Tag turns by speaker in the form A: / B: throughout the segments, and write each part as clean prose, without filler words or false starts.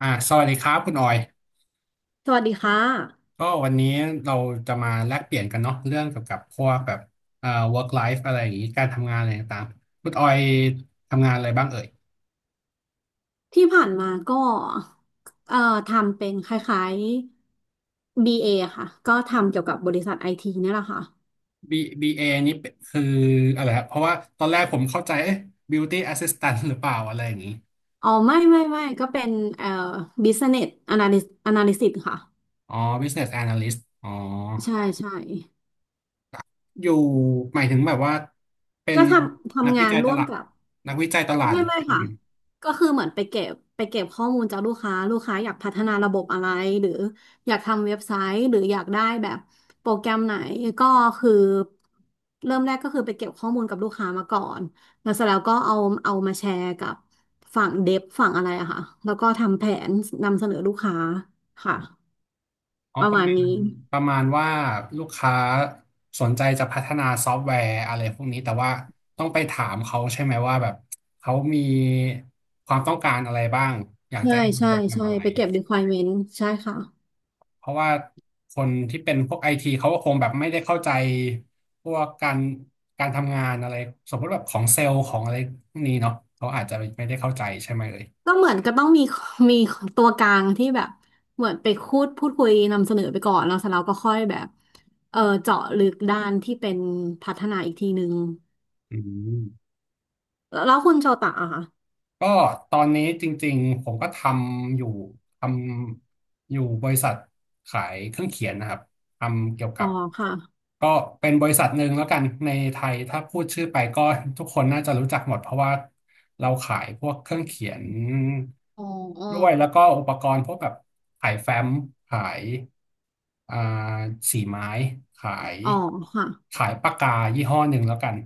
A: สวัสดีครับคุณออย
B: สวัสดีค่ะ
A: ก็วันนี้เราจะมาแลกเปลี่ยนกันเนาะเรื่องเกี่ยวกับพวกแบบเอ่อ work life อะไรอย่างนี้การทำงานอะไรต่างๆคุณออยทำงานอะไรบ้างเอ่ย
B: ที่ผ่านมาก็เอ่อทำเป็นคล้ายๆ BA ค่ะก็ทำเกี่ยวกับบริษัทไอทีนี่แหละค่ะ
A: B BA นี่เป็นคืออะไรครับเพราะว่าตอนแรกผมเข้าใจเอ๊ะ beauty assistant หรือเปล่าอะไรอย่างนี้
B: อ๋อไม่ไม่ไม่ก็เป็นเอ่อ Business Analyst ค่ะ
A: อ๋อ business analyst อ๋อ
B: ใช่ใช่
A: อยู่หมายถึงแบบว่าเป็น
B: ก็ทำ
A: นัก
B: ทำ
A: วิ
B: งาน
A: จัยต
B: ร่วม
A: ลาด
B: กับ
A: นักวิจัยตลาด
B: ไม่ไม่ค่ะก็คือเหมือนไปเก็บข้อมูลจากลูกค้าลูกค้าอยากพัฒนาระบบอะไรหรืออยากทำเว็บไซต์หรืออยากได้แบบโปรแกรมไหนก็คือเริ่มแรกก็คือไปเก็บข้อมูลกับลูกค้ามาก่อนแล้วเสร็จแล้วก็เอามาแชร์กับฝั่งเดฟฝั่งอะไรอะค่ะแล้วก็ทำแผนนำเสนอลูกค้าค่ะ
A: อ๋อ
B: ประ
A: ประ
B: มาณ
A: มาณ
B: นี้
A: ประมาณว่าลูกค้าสนใจจะพัฒนาซอฟต์แวร์อะไรพวกนี้แต่ว่าต้องไปถามเขาใช่ไหมว่าแบบเขามีความต้องการอะไรบ้างอยากจะ
B: ใช่
A: ให้ทำ
B: ใช่
A: โปรแกรม
B: ใช่
A: อะไร
B: ไปเก็บ requirement ใช่ค่ะ
A: เพราะว่าคนที่เป็นพวกไอทีเขาก็คงแบบไม่ได้เข้าใจพวกการทำงานอะไรสมมติแบบของเซลล์ของอะไรพวกนี้เนาะเขาอาจจะไม่ได้เข้าใจใช่ไหมเลย
B: ก็เหมือนก็ต้องมี มีตัวกลางที่แบบเหมือนไปพูดคุยนำเสนอไปก่อนแล้วเสร็จแล้วก็ค่อยแบบเออเจาะลึกด้านที่เป็นพัฒนาอีกทีนึง
A: อืม
B: แล้วแล้วคุณโชตะอะค่ะ
A: ก็ตอนนี้จริงๆผมก็ำอยู่ทำอยู่บริษัทขายเครื่องเขียนนะครับทำเกี่ยว
B: อ๋
A: กั
B: อ
A: บ
B: ค่ะ
A: ก็เป็นบริษัทหนึ่งแล้วกันในไทยถ้าพูดชื่อไปก็ทุกคนน่าจะรู้จักหมดเพราะว่าเราขายพวกเครื่องเขียน
B: อ๋ออ๋อ
A: ด้วยแล้วก็อุปกรณ์พวกแบบขายแฟ้มขายอ่าสีไม้ขาย
B: อ๋อค่ะ
A: ขายปากกายี่ห้อหนึ่งแล้วกัน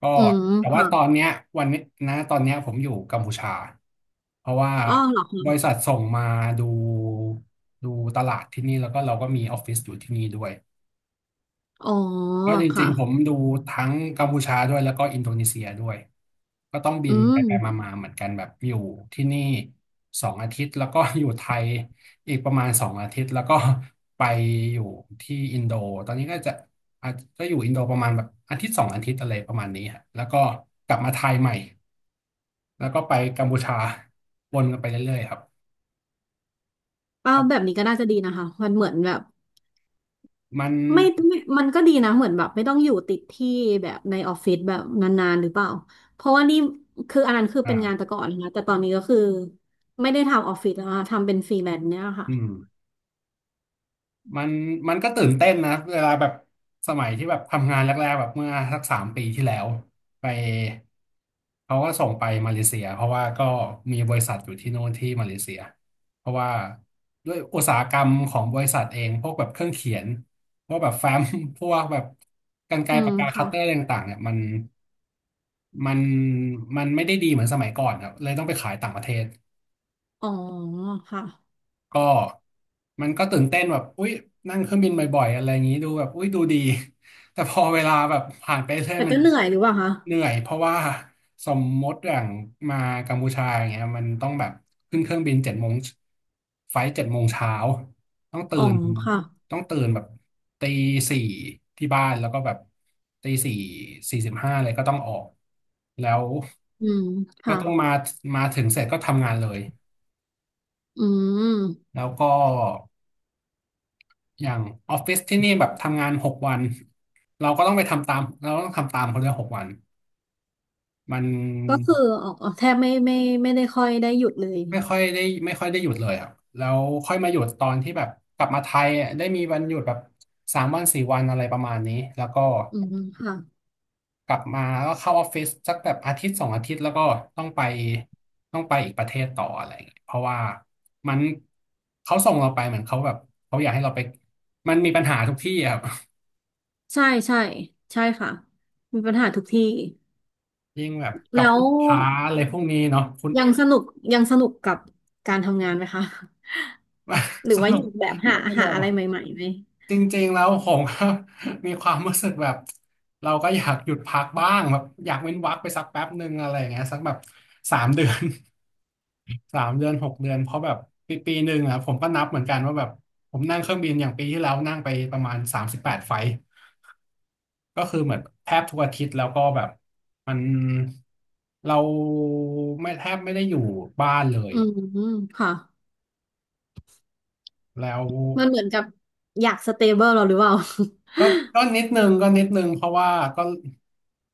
A: ก็
B: อืม
A: แต่ว่าตอ
B: ค่ะ
A: นเนี้ยวันนี้นะตอนเนี้ยผมอยู่กัมพูชาเพราะว่า
B: อ๋อเหรอ
A: บริ
B: คะ
A: ษัทส่งมาดูดูตลาดที่นี่แล้วก็เราก็มีออฟฟิศอยู่ที่นี่ด้วย
B: อ๋อ
A: ก็จริ
B: ค่ะ
A: งๆผมดูทั้งกัมพูชาด้วยแล้วก็อินโดนีเซียด้วยก็ต้องบิ
B: อื
A: นไป
B: ม
A: มาๆเหมือนกันแบบอยู่ที่นี่สองอาทิตย์แล้วก็อยู่ไทยอีกประมาณสองอาทิตย์แล้วก็ไปอยู่ที่อินโดตอนนี้ก็จะอาจก็อยู่อินโดประมาณแบบอาทิตย์สองอาทิตย์อะไรประมาณนี้ฮะแล้วก็กลับมาไทยใหม่แล้วก็ไปกัมพูชาวนกันไปเรื่อยๆครับ
B: อ้า
A: เพ
B: ว
A: ราะ
B: แบบนี้ก็น่าจะดีนะคะมันเหมือนแบบ
A: มัน
B: ไม่ไม่มันก็ดีนะเหมือนแบบไม่ต้องอยู่ติดที่แบบในออฟฟิศแบบนานๆหรือเปล่าเพราะว่านี่คืออันนั้นคือเป็นงานแต่
A: อ่า
B: ก่อนนะแต่ตอนนี้ก็คือไม่ได้ทำออฟฟิศแล้วนะทำเป็นฟรีแลนซ์เนี่ยค่ะ
A: อืม มันมันก็ตื่นเต้นนะเวลาแบบสมัยที่แบบทำงานแรกๆแบบเมื่อสัก3 ปีที่แล้วไปเขาก็ส่งไปมาเลเซียเพราะว่าก็มีบริษัทอยู่ที่โน่นที่มาเลเซียเพราะว่าด้วยอุตสาหกรรมของบริษัทเองพวกแบบเครื่องเขียนพวกแบบแฟ้ม พวกแบบกรรไกร
B: อื
A: ปา
B: ม
A: กกาคั
B: ค่ะ
A: ตเตอร์อะไรต่างๆเนี่ยมันมันไม่ได้ดีเหมือนสมัยก่อนครับเลยต้องไปขายต่างประเทศ
B: อ๋อค่ะ
A: ก็มันก็ตื่นเต้นแบบอุ๊ยนั่งเครื่องบินบ่อยๆอะไรอย่างนี้ดูแบบอุ๊ยดูดี แต่พอเวลาแบบผ่านไปเรื่อย
B: แต่
A: มั
B: ก็
A: น
B: เหนื่อยหรือเปล่าคะ
A: เหนื่อยเพราะว่าสมมติอย่างมากัมพูชาอย่างเงี้ยมันต้องแบบขึ้นเครื่องบินเจ็ดโมงไฟล์7 โมงเช้าต้องตื่
B: อ๋อ
A: น
B: ค่ะ
A: ต้องตื่นแบบตีสี่ที่บ้านแล้วก็แบบตี 4:45เลยก็ต้องออกแล้ว
B: อืม
A: ก็
B: ค่ะ
A: ต้องมาถึงเสร็จก็ทำงานเลย
B: อืม
A: แล้วก็ อย่างออฟฟิศที่นี่แบบทำงานหกวันเราก็ต้องไปทำตามเราก็ต้องทำตามเขาเลยหกวันมัน
B: ก็คืออ๋อแทบไม่ไม่ได้ค่อยได้หยุดเลย
A: ไม่ค่อยได้ไม่ค่อยได้หยุดเลยครับแล้วค่อยมาหยุดตอนที่แบบกลับมาไทยอะได้มีวันหยุดแบบ3 วัน 4 วันอะไรประมาณนี้แล้วก็
B: อืมค่ะ
A: กลับมาแล้วก็เข้าออฟฟิศสักแบบอาทิตย์สองอาทิตย์แล้วก็ต้องไปต้องไปอีกประเทศต่ออะไรอย่างเงี้ยเพราะว่ามันเขาส่งเราไปเหมือนเขาแบบเขาอยากให้เราไปมันมีปัญหาทุกที่อะครับ
B: ใช่ใช่ใช่ค่ะมีปัญหาทุกที่
A: ยิ่งแบบกั
B: แล้
A: บลู
B: ว
A: กค้าอะไรพวกนี้เนาะคุณ
B: ยังสนุกยังสนุกกับการทำงานไหมคะ หรื อ
A: ส
B: ว่าอ
A: นุก
B: ยากแบบหา
A: ส
B: หา
A: นุก
B: อะไรใหม่ๆไหม
A: จริงๆแล้วผมก็ มีความรู้สึกแบบเราก็อยากหยุดพักบ้างแบบอยากเว้นวรรคไปสักแป๊บหนึ่งอะไรอย่างเงี้ยสักแบบสามเดือน 3 เดือน6 เดือนเพราะแบบปีปีหนึ่งอะผมก็นับเหมือนกันว่าแบบผมนั่งเครื่องบินอย่างปีที่แล้วนั่งไปประมาณ38 ไฟล์ก็คือเหมือนแทบทุกอาทิตย์แล้วก็แบบมันเราไม่แทบไม่ได้อยู่บ้านเลย
B: อืมค่ะ
A: แล้ว
B: มันเหมือนกับอยากสเตเบิลเราหรือเปล่า
A: ก็ก็นิดนึงก็นิดนึงเพราะว่าก็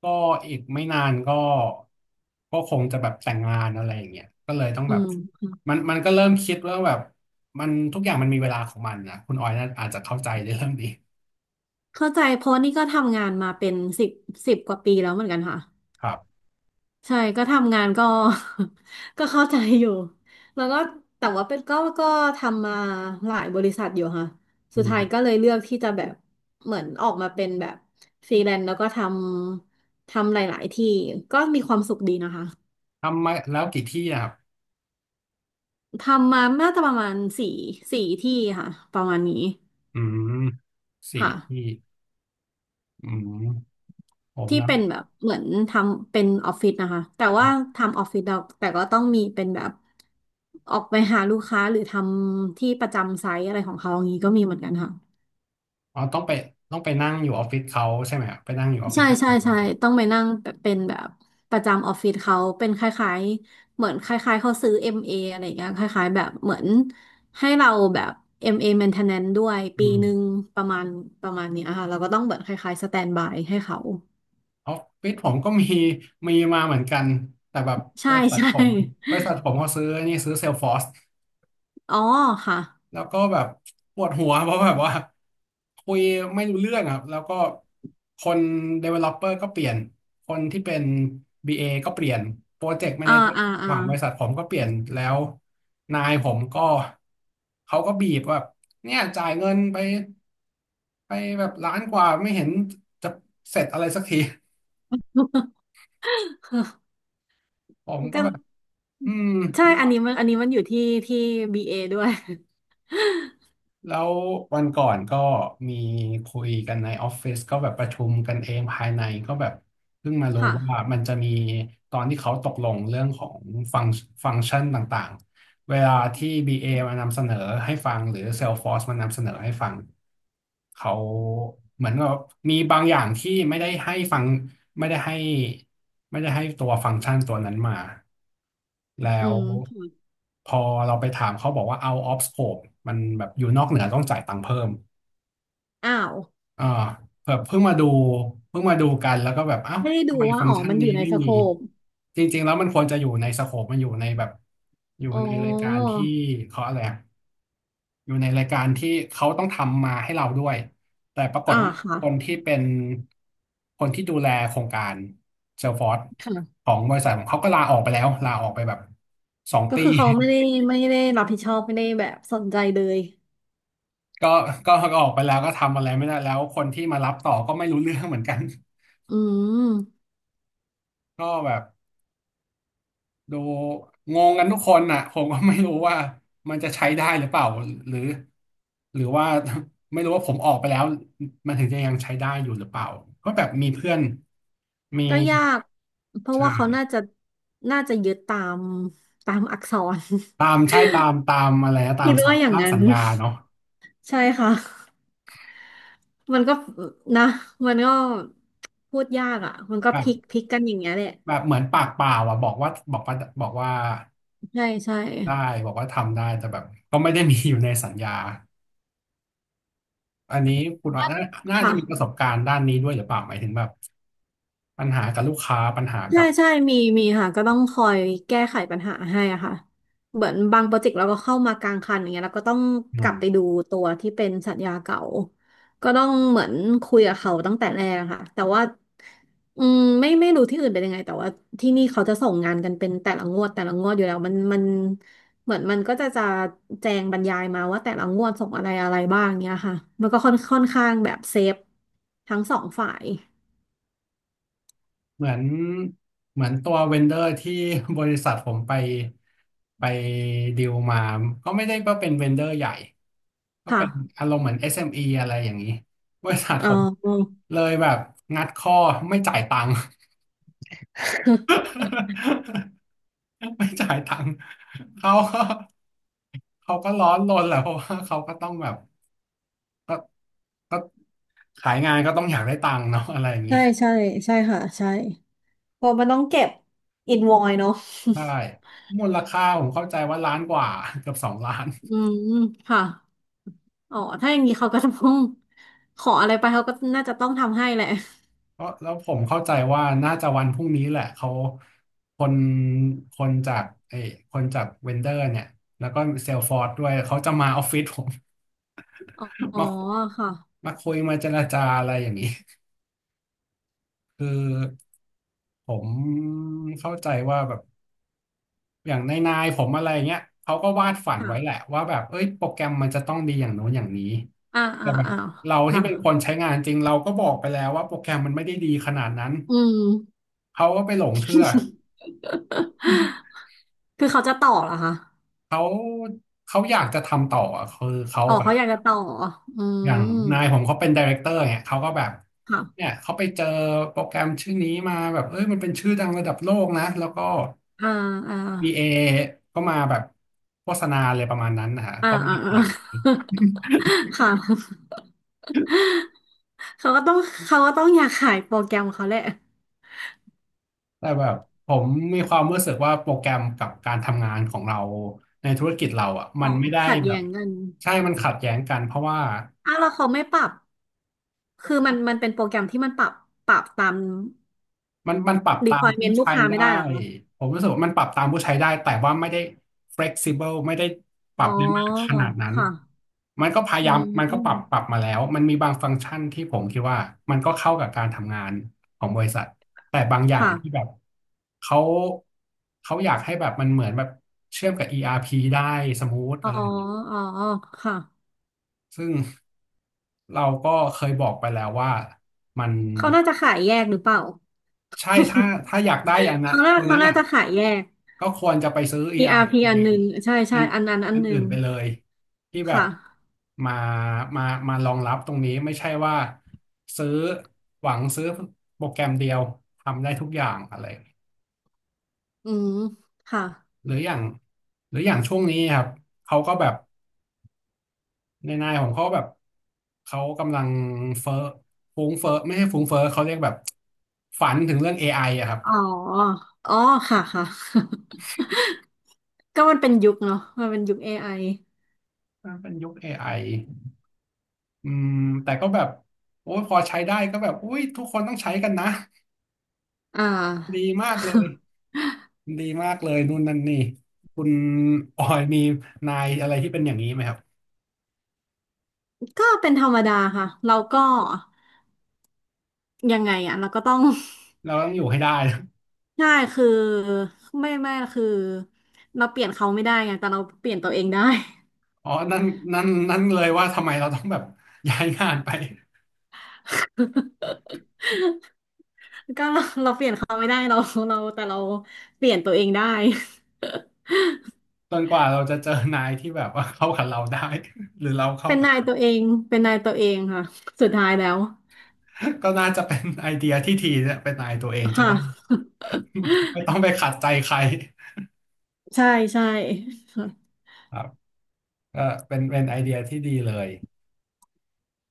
A: ก็อีกไม่นานก็คงจะแบบแต่งงานอะไรอย่างเงี้ยก็เลยต้อง
B: อื
A: แบบ
B: ม
A: มันก็เริ่มคิดว่าแบบมันทุกอย่างมันมีเวลาของมันนะคุณออยน่าอาจจะเข้าใจในเรื่องนี้
B: เข้าใจเพราะนี่ก็ทำงานมาเป็นสิบกว่าปีแล้วเหมือนกันค่ะ
A: ครับ
B: ใช่ก็ทำงานก็ ก็เข้าใจอยู่แล้วก็แต่ว่าเป็นก็ทำมาหลายบริษัทอยู่ค่ะ
A: อื
B: สุดท้ายก็
A: ม
B: เลยเลือกที่จะแบบเหมือนออกมาเป็นแบบฟรีแลนซ์แล้วก็ทำหลายๆที่ก็มีความสุขดีนะคะ
A: ทำมาแล้วกี่ที่นะครับ
B: ทำมาน่าจะประมาณสี่ที่ค่ะประมาณนี้
A: อืมสี่
B: ค่ะ
A: ที่อืมผม
B: ที่
A: นะ
B: เป็นแบบเหมือนทำเป็นออฟฟิศนะคะแต่ว่าทำออฟฟิศเราแต่ก็ต้องมีเป็นแบบออกไปหาลูกค้าหรือทำที่ประจำไซต์อะไรของเขาอย่างนี้ก็มีเหมือนกันค่ะ
A: อ๋อต้องไปนั่งอยู่ออฟฟิศเขาใช่ไหมครับไปนั่งอยู่ออฟฟิศ
B: ใช่
A: เขา
B: ใช่ใช่ต้องไปนั่งเป็นแบบประจำออฟฟิศเขาเป็นคล้ายๆเหมือนคล้ายๆเขาซื้อ MA อมเออะไรอย่างเงี้ยคล้ายๆแบบเหมือนให้เราแบบเอมเอ maintenance ด้วย
A: อื
B: ปีหนึ่ง
A: ม
B: ประมาณประมาณเนี้ยค่ะเราก็ต้องเหมือนคล้ายๆสแตนบายให้เขา
A: ออฟฟิศผมก็มีมาเหมือนกันแต่แบบบ
B: ใช่
A: ริษัท
B: ใช่
A: ผมบริษัทผมเขาซื้อนี่ซื้อเซลฟอร์ส
B: อ๋อค่ะ
A: แล้วก็แบบปวดหัวเพราะแบบว่าคุยไม่รู้เรื่องอ่ะแล้วก็คน developer ก็เปลี่ยนคนที่เป็น BA ก็เปลี่ยนโปรเจกต์ a ม
B: อ่า
A: a g e r
B: อ่า
A: ห
B: อ่า
A: วังบริษัทผมก็เปลี่ยนแล้วนายผมก็เขาก็บีบแบบเนี่ยจ่ายเงินไปไปแบบล้านกว่าไม่เห็นจะเสร็จอะไรสักที
B: ก็
A: ผมก็แบบอืม
B: ใช่อันนี้มันอยู่ที่ที่บีเอด้วย
A: แล้ววันก่อนก็มีคุยกันในออฟฟิศก็แบบประชุมกันเองภายในก็แบบเพิ่งมารู้
B: ค่ะ
A: ว่ามันจะมีตอนที่เขาตกลงเรื่องของฟังฟังก์ชันต่างๆ เวลาที่ BA มานำเสนอให้ฟังหรือ Salesforce มานำเสนอให้ฟัง เขาเหมือนกับมีบางอย่างที่ไม่ได้ให้ฟังไม่ได้ให้ไม่ได้ให้ตัวฟังก์ชันตัวนั้นมา แล้
B: อื
A: ว
B: ม
A: พอเราไปถามเขาบอกว่า out of scope มันแบบอยู่นอกเหนือต้องจ่ายตังค์เพิ่ม
B: อ้าว
A: เออแบบเพิ่งมาดูกันแล้วก็แบบเอ้า
B: ไม่ได้ดู
A: ทำไม
B: ว่า
A: ฟัง
B: อ๋
A: ก์
B: อ
A: ชัน
B: มันอ
A: นี้
B: ยู่ใน
A: ไม่
B: สโค
A: มี
B: ป
A: จริงๆแล้วมันควรจะอยู่ในสโคปมันอยู่ในแบบอยู่
B: อ๋อ
A: ในรายการที่เขาอะไรอะอยู่ในรายการที่เขาต้องทำมาให้เราด้วยแต่ปราก
B: อ่า
A: ฏว่า
B: ค่ะ
A: คนที่เป็นคนที่ดูแลโครงการเซลฟอร์ e
B: ค่ะ
A: ของบริษัทผมเขาก็ลาออกไปแล้วลาออกไปแบบสอง
B: ก็
A: ปี
B: คือเขาไม่ได้รับผิดชอบไม่ได้แบบสนใจเลย
A: ก็ก็ออกไปแล้วก็ทำอะไรไม่ได้แล้วคนที่มารับต่อก็ไม่รู้เรื่องเหมือนกัน
B: อืม
A: ก็แบบ ดูงงกันทุกคนน่ะผมก็ไม่รู้ว่ามันจะใช้ได้หรือเปล่าหรือหรือว่าไม่รู้ว่าผมออกไปแล้วมันถึงจะยังใช้ได้อยู่หรือเปล่าก็แบบมีเพื่อนมี
B: ก็ยากเพราะ
A: ใช่
B: ว่าเขาน่าจะยึดตามอักษร
A: ตาม ใช่ตามอะไรนะตา
B: คิ
A: ม
B: ด
A: สัญ
B: ว่าอย่าง
A: ร่าง
B: นั้
A: สั
B: น
A: ญญาเนาะ
B: ใช่ค่ะ มันก็นะมันก็พูดยากอ่ะมันก็พ
A: แบ
B: ลิก
A: บ
B: พลิกกันอย่างเงี้ยแหละ
A: แบบเหมือนปากเปล่าอ่ะบอกว่าบอกว่า
B: ใช่ใช่
A: ได้บอกว่าทำได้แต่แบบก็ไม่ได้มีอยู่ในสัญญา อันนี้คุณออยน่าน่าจะมีประส
B: ค่ะ
A: บการณ์ด้านนี้ด้วยหรือเปล่าหมายถึงแบบปัญหากับลูกค้าปัญหา
B: ใช่
A: กับ
B: ใช่ มีมีค่ะก็ต้องคอยแก้ไขปัญหาให้อะค่ะเหมือนบางโปรเจกต์เราก็เข้ามากลางคันอย่างเงี้ยแล้วก็ต้อง
A: อื
B: กลับไปดู
A: ม
B: ตัวที่เป็นสัญญาเก่า ก็ต้องเหมือนคุยกับเขาตั้งแต่แรกอะค่ะแต่ว่าอืมไม่รู้ที่อื่นเป็นยังไงแต่ว่าที่นี่เขาจะส่งงานกันเป็นแต่ละงวดแต่ละงวดอยู่แล้วมันเหมือนมันก็จะแจงบรรยายมาว่าแต่ละงวดส่งอะไรอะไรบ้างเนี้ยค่ะมันก็ค่อนข้างแบบเซฟทั้งสองฝ่าย
A: เหมือนเหมือนตัวเวนเดอร์ที่ บริษัทผมไปไปดีลมาก็ไม่ได้ว่าเป็นเวนเดอร์ใหญ่ก็
B: ค
A: เป็น
B: ่ะ
A: อารมณ์เหมือน SME อสเอ็มอีอะไรอย่างนี้บริษัท
B: เ
A: ผม
B: ออ
A: เลยแบบงัดข้อไม่จ่ายตังค์ ไม่จ่ายตังค์เขาก็เขาก็ร้อนรนแหละเพราะว่าเขาก็ต้องแบบก็ ก็ขายงานก็ต้องอยากได้ตังค์เนาะ อะไรอย่างนี้
B: ใช่ใช่ใช่ค่ะใช่เพราะมันต้องเก็บอินวอยเนาะ
A: ใช่มูลค่าผมเข้าใจว่าล้านกว่า เกือบสองล้าน
B: อืมค่ะอ๋อถ้าอย่างนี้เขาก็จะต้องขออะไรไปเขาก็น่าจะต้องทำให้แหละ
A: เพราะแล้วผมเข้าใจว่าน่าจะวันพรุ่งนี้แหละเขาคนคนจากเอ้ยคนจากเวนเดอร์เนี่ยแล้วก็เซลฟอร์ดด้วยเขาจะมาออฟฟิศผม
B: อ๋อ อ๋อ
A: มา
B: ค่ะ
A: มาคุยมาเจรจาอะไรอย่างนี้คือผมเข้าใจว่าแบบ อย่างในนายๆผมอะไรเงี้ยเขาก็วาดฝันไว้แห
B: ค่ะ
A: ละว่าแบบเอ้ยโปรแกรมมันจะต้องดีอย่างโน้นอย่างนี้
B: อ่า
A: แต่
B: อ่า
A: แบบ
B: อ่า
A: เราที่
B: ค่ะ
A: เป็นคนใช้งานจริงเราก็บอกไปแล้วว่าโปรแกรมมันไม่ได้ดีขนาดนั้น
B: อืม
A: เขาก็ไปหลงเชื่อ
B: คือเขาจะต่อเหรอคะ
A: เขาเขาอยากจะทำต่ออะคือเขา
B: อ๋อ
A: แบบ
B: เขาอยากจะต่ออื
A: อ
B: ม
A: ย่างนายผมเขาเป็นไดเรคเตอร์เนี่ยเขาก็แบบเนี่ย
B: ค่ะ
A: เขาไปเจอโปรแกรมชื่อนี้มาแบบเอ้ยมันเป็นชื่อดังระดับโลกนะแล้วก็
B: อ่าอ่า
A: บีเอก็มาแบบโฆษณาเลยประมาณนั้นนะฮะ
B: อ่า
A: ก็วา
B: อ่า
A: ดฝั
B: อ่า
A: น
B: ค่ะเขาก็ต้องเขาก็ต้องอยากขายโปรแกรมเขาแหละ
A: แต่แบบผมมีความรู้สึกว่าโปรแกรมกับการทำงานของเราในธุรกิจเราอ่ะมั
B: อ๋อ
A: นไม่ได้
B: ขัด
A: แบ
B: แย้
A: บ
B: งกัน
A: ใช่มันขัดแย้งกันเพราะว่า
B: อ้าวแล้วเขาไม่ปรับคือมันเป็นโปรแกรมที่มันปรับตาม
A: มันปรับตามผู้
B: requirement ลูก
A: ใช้
B: ค้าไม่
A: ได้
B: ได้เหรอคะ
A: ผมรู้สึกว่ามันปรับตามผู้ใช้ได้แต่ว่าไม่ได้ flexible ไม่ได้ปรั
B: อ๋อ
A: บได้มากขนาดนั้น
B: ค่ะ
A: มันก็พยา
B: อื
A: ยามมันก็ปรับป
B: ม
A: รับมาแล้วมันมีบางฟังก์ชันที่ผมคิดว่ามันก็เข้ากับการทำงานของบริษัทแต่บางอย่าง
B: ค่ะ
A: ที่แบบเขาเขาอยากให้แบบมันเหมือนแบบเชื่อมกับ ERP ได้สมูท
B: อ๋อ
A: อะไรอย่างเงี้ย
B: อ๋อค่ะ
A: ซึ่งเราก็เคยบอกไปแล้วว่ามัน
B: เขาน่าจะขายแยกหรือเปล่า
A: ใช่ถ้าอยากได้อย่าง นน
B: เขาน่า
A: ตัว
B: เขา
A: นั้น
B: น่า
A: อ่ะ
B: จะขายแยก
A: ก็ควรจะไปซื้อ
B: e พี
A: ERP
B: อั
A: อา
B: น
A: ร์
B: ห
A: พี
B: นึ่งใช่
A: อั
B: ใช่
A: น
B: อันนั้นอัน
A: อัน
B: ห
A: อื่
B: นึ่ง
A: นไปเลยที่แบบ
B: ค่ะ
A: มามามารองรับตรงนี้ไม่ใช่ว่าซื้อหวังซื้อโปรแกรมเดียวทำได้ทุกอย่างอะไร
B: อืมค่ะ
A: หรืออย่างช่วงนี้ครับเขาก็แบบในนายของเขาแบบเขากำลังเฟ้อฟุ้งเฟ้อไม่ใช่ฟุ้งเฟ้อเขาเรียกแบบฝันถึงเรื่อง AI อไออะครับ
B: อ๋ออ๋อค่ะค่ะ ก็มันเป็นยุคเนาะมันเป็นยุคเอไอ
A: อ่าเป็นยุคเอไอ อืมแต่ก็แบบโอ้ยพอใช้ได้ก็แบบอุ้ยทุกคนต้องใช้กันนะ
B: อ่า
A: ดีมากเลย ดีมากเลยนู่นนั่นนี่คุณออยมีนายอะไรที่เป็นอย่างนี้ไหมครับ
B: ก็เป็นธรรมดาค่ะเราก็ยังไงอ่ะเราก็ต้อง
A: เราต้องอยู่ให้ได้
B: ใช่คือไม่คือเราเปลี่ยนเขาไม่ได้ไงแต่เราเปลี่ยนตัวเองได้
A: อ๋อนั่นนั่นเลยว่าทำไมเราต้องแบบ ย้ายงานไป
B: ก็เราเปลี่ยนเขาไม่ได้เราแต่เราเปลี่ยนตัวเองได้
A: จนกว่าเราจะเจอนายที่แบบว่า เข้ากับเราได้หรือเราเข้า
B: เป็น
A: กับ
B: นายตัวเองเป็นนายตัวเองค่ะสุดท้ายแล้ว
A: ก็น่าจะเป็นไอเดียที่ทีเนี่ยเป็นนายตัวเองจะ
B: ค่ะ
A: ได้ ไม่ต้องไปขัดใจใคร
B: ใช่ใช่
A: ครับก็เป็นไอเดียที่ดีเลย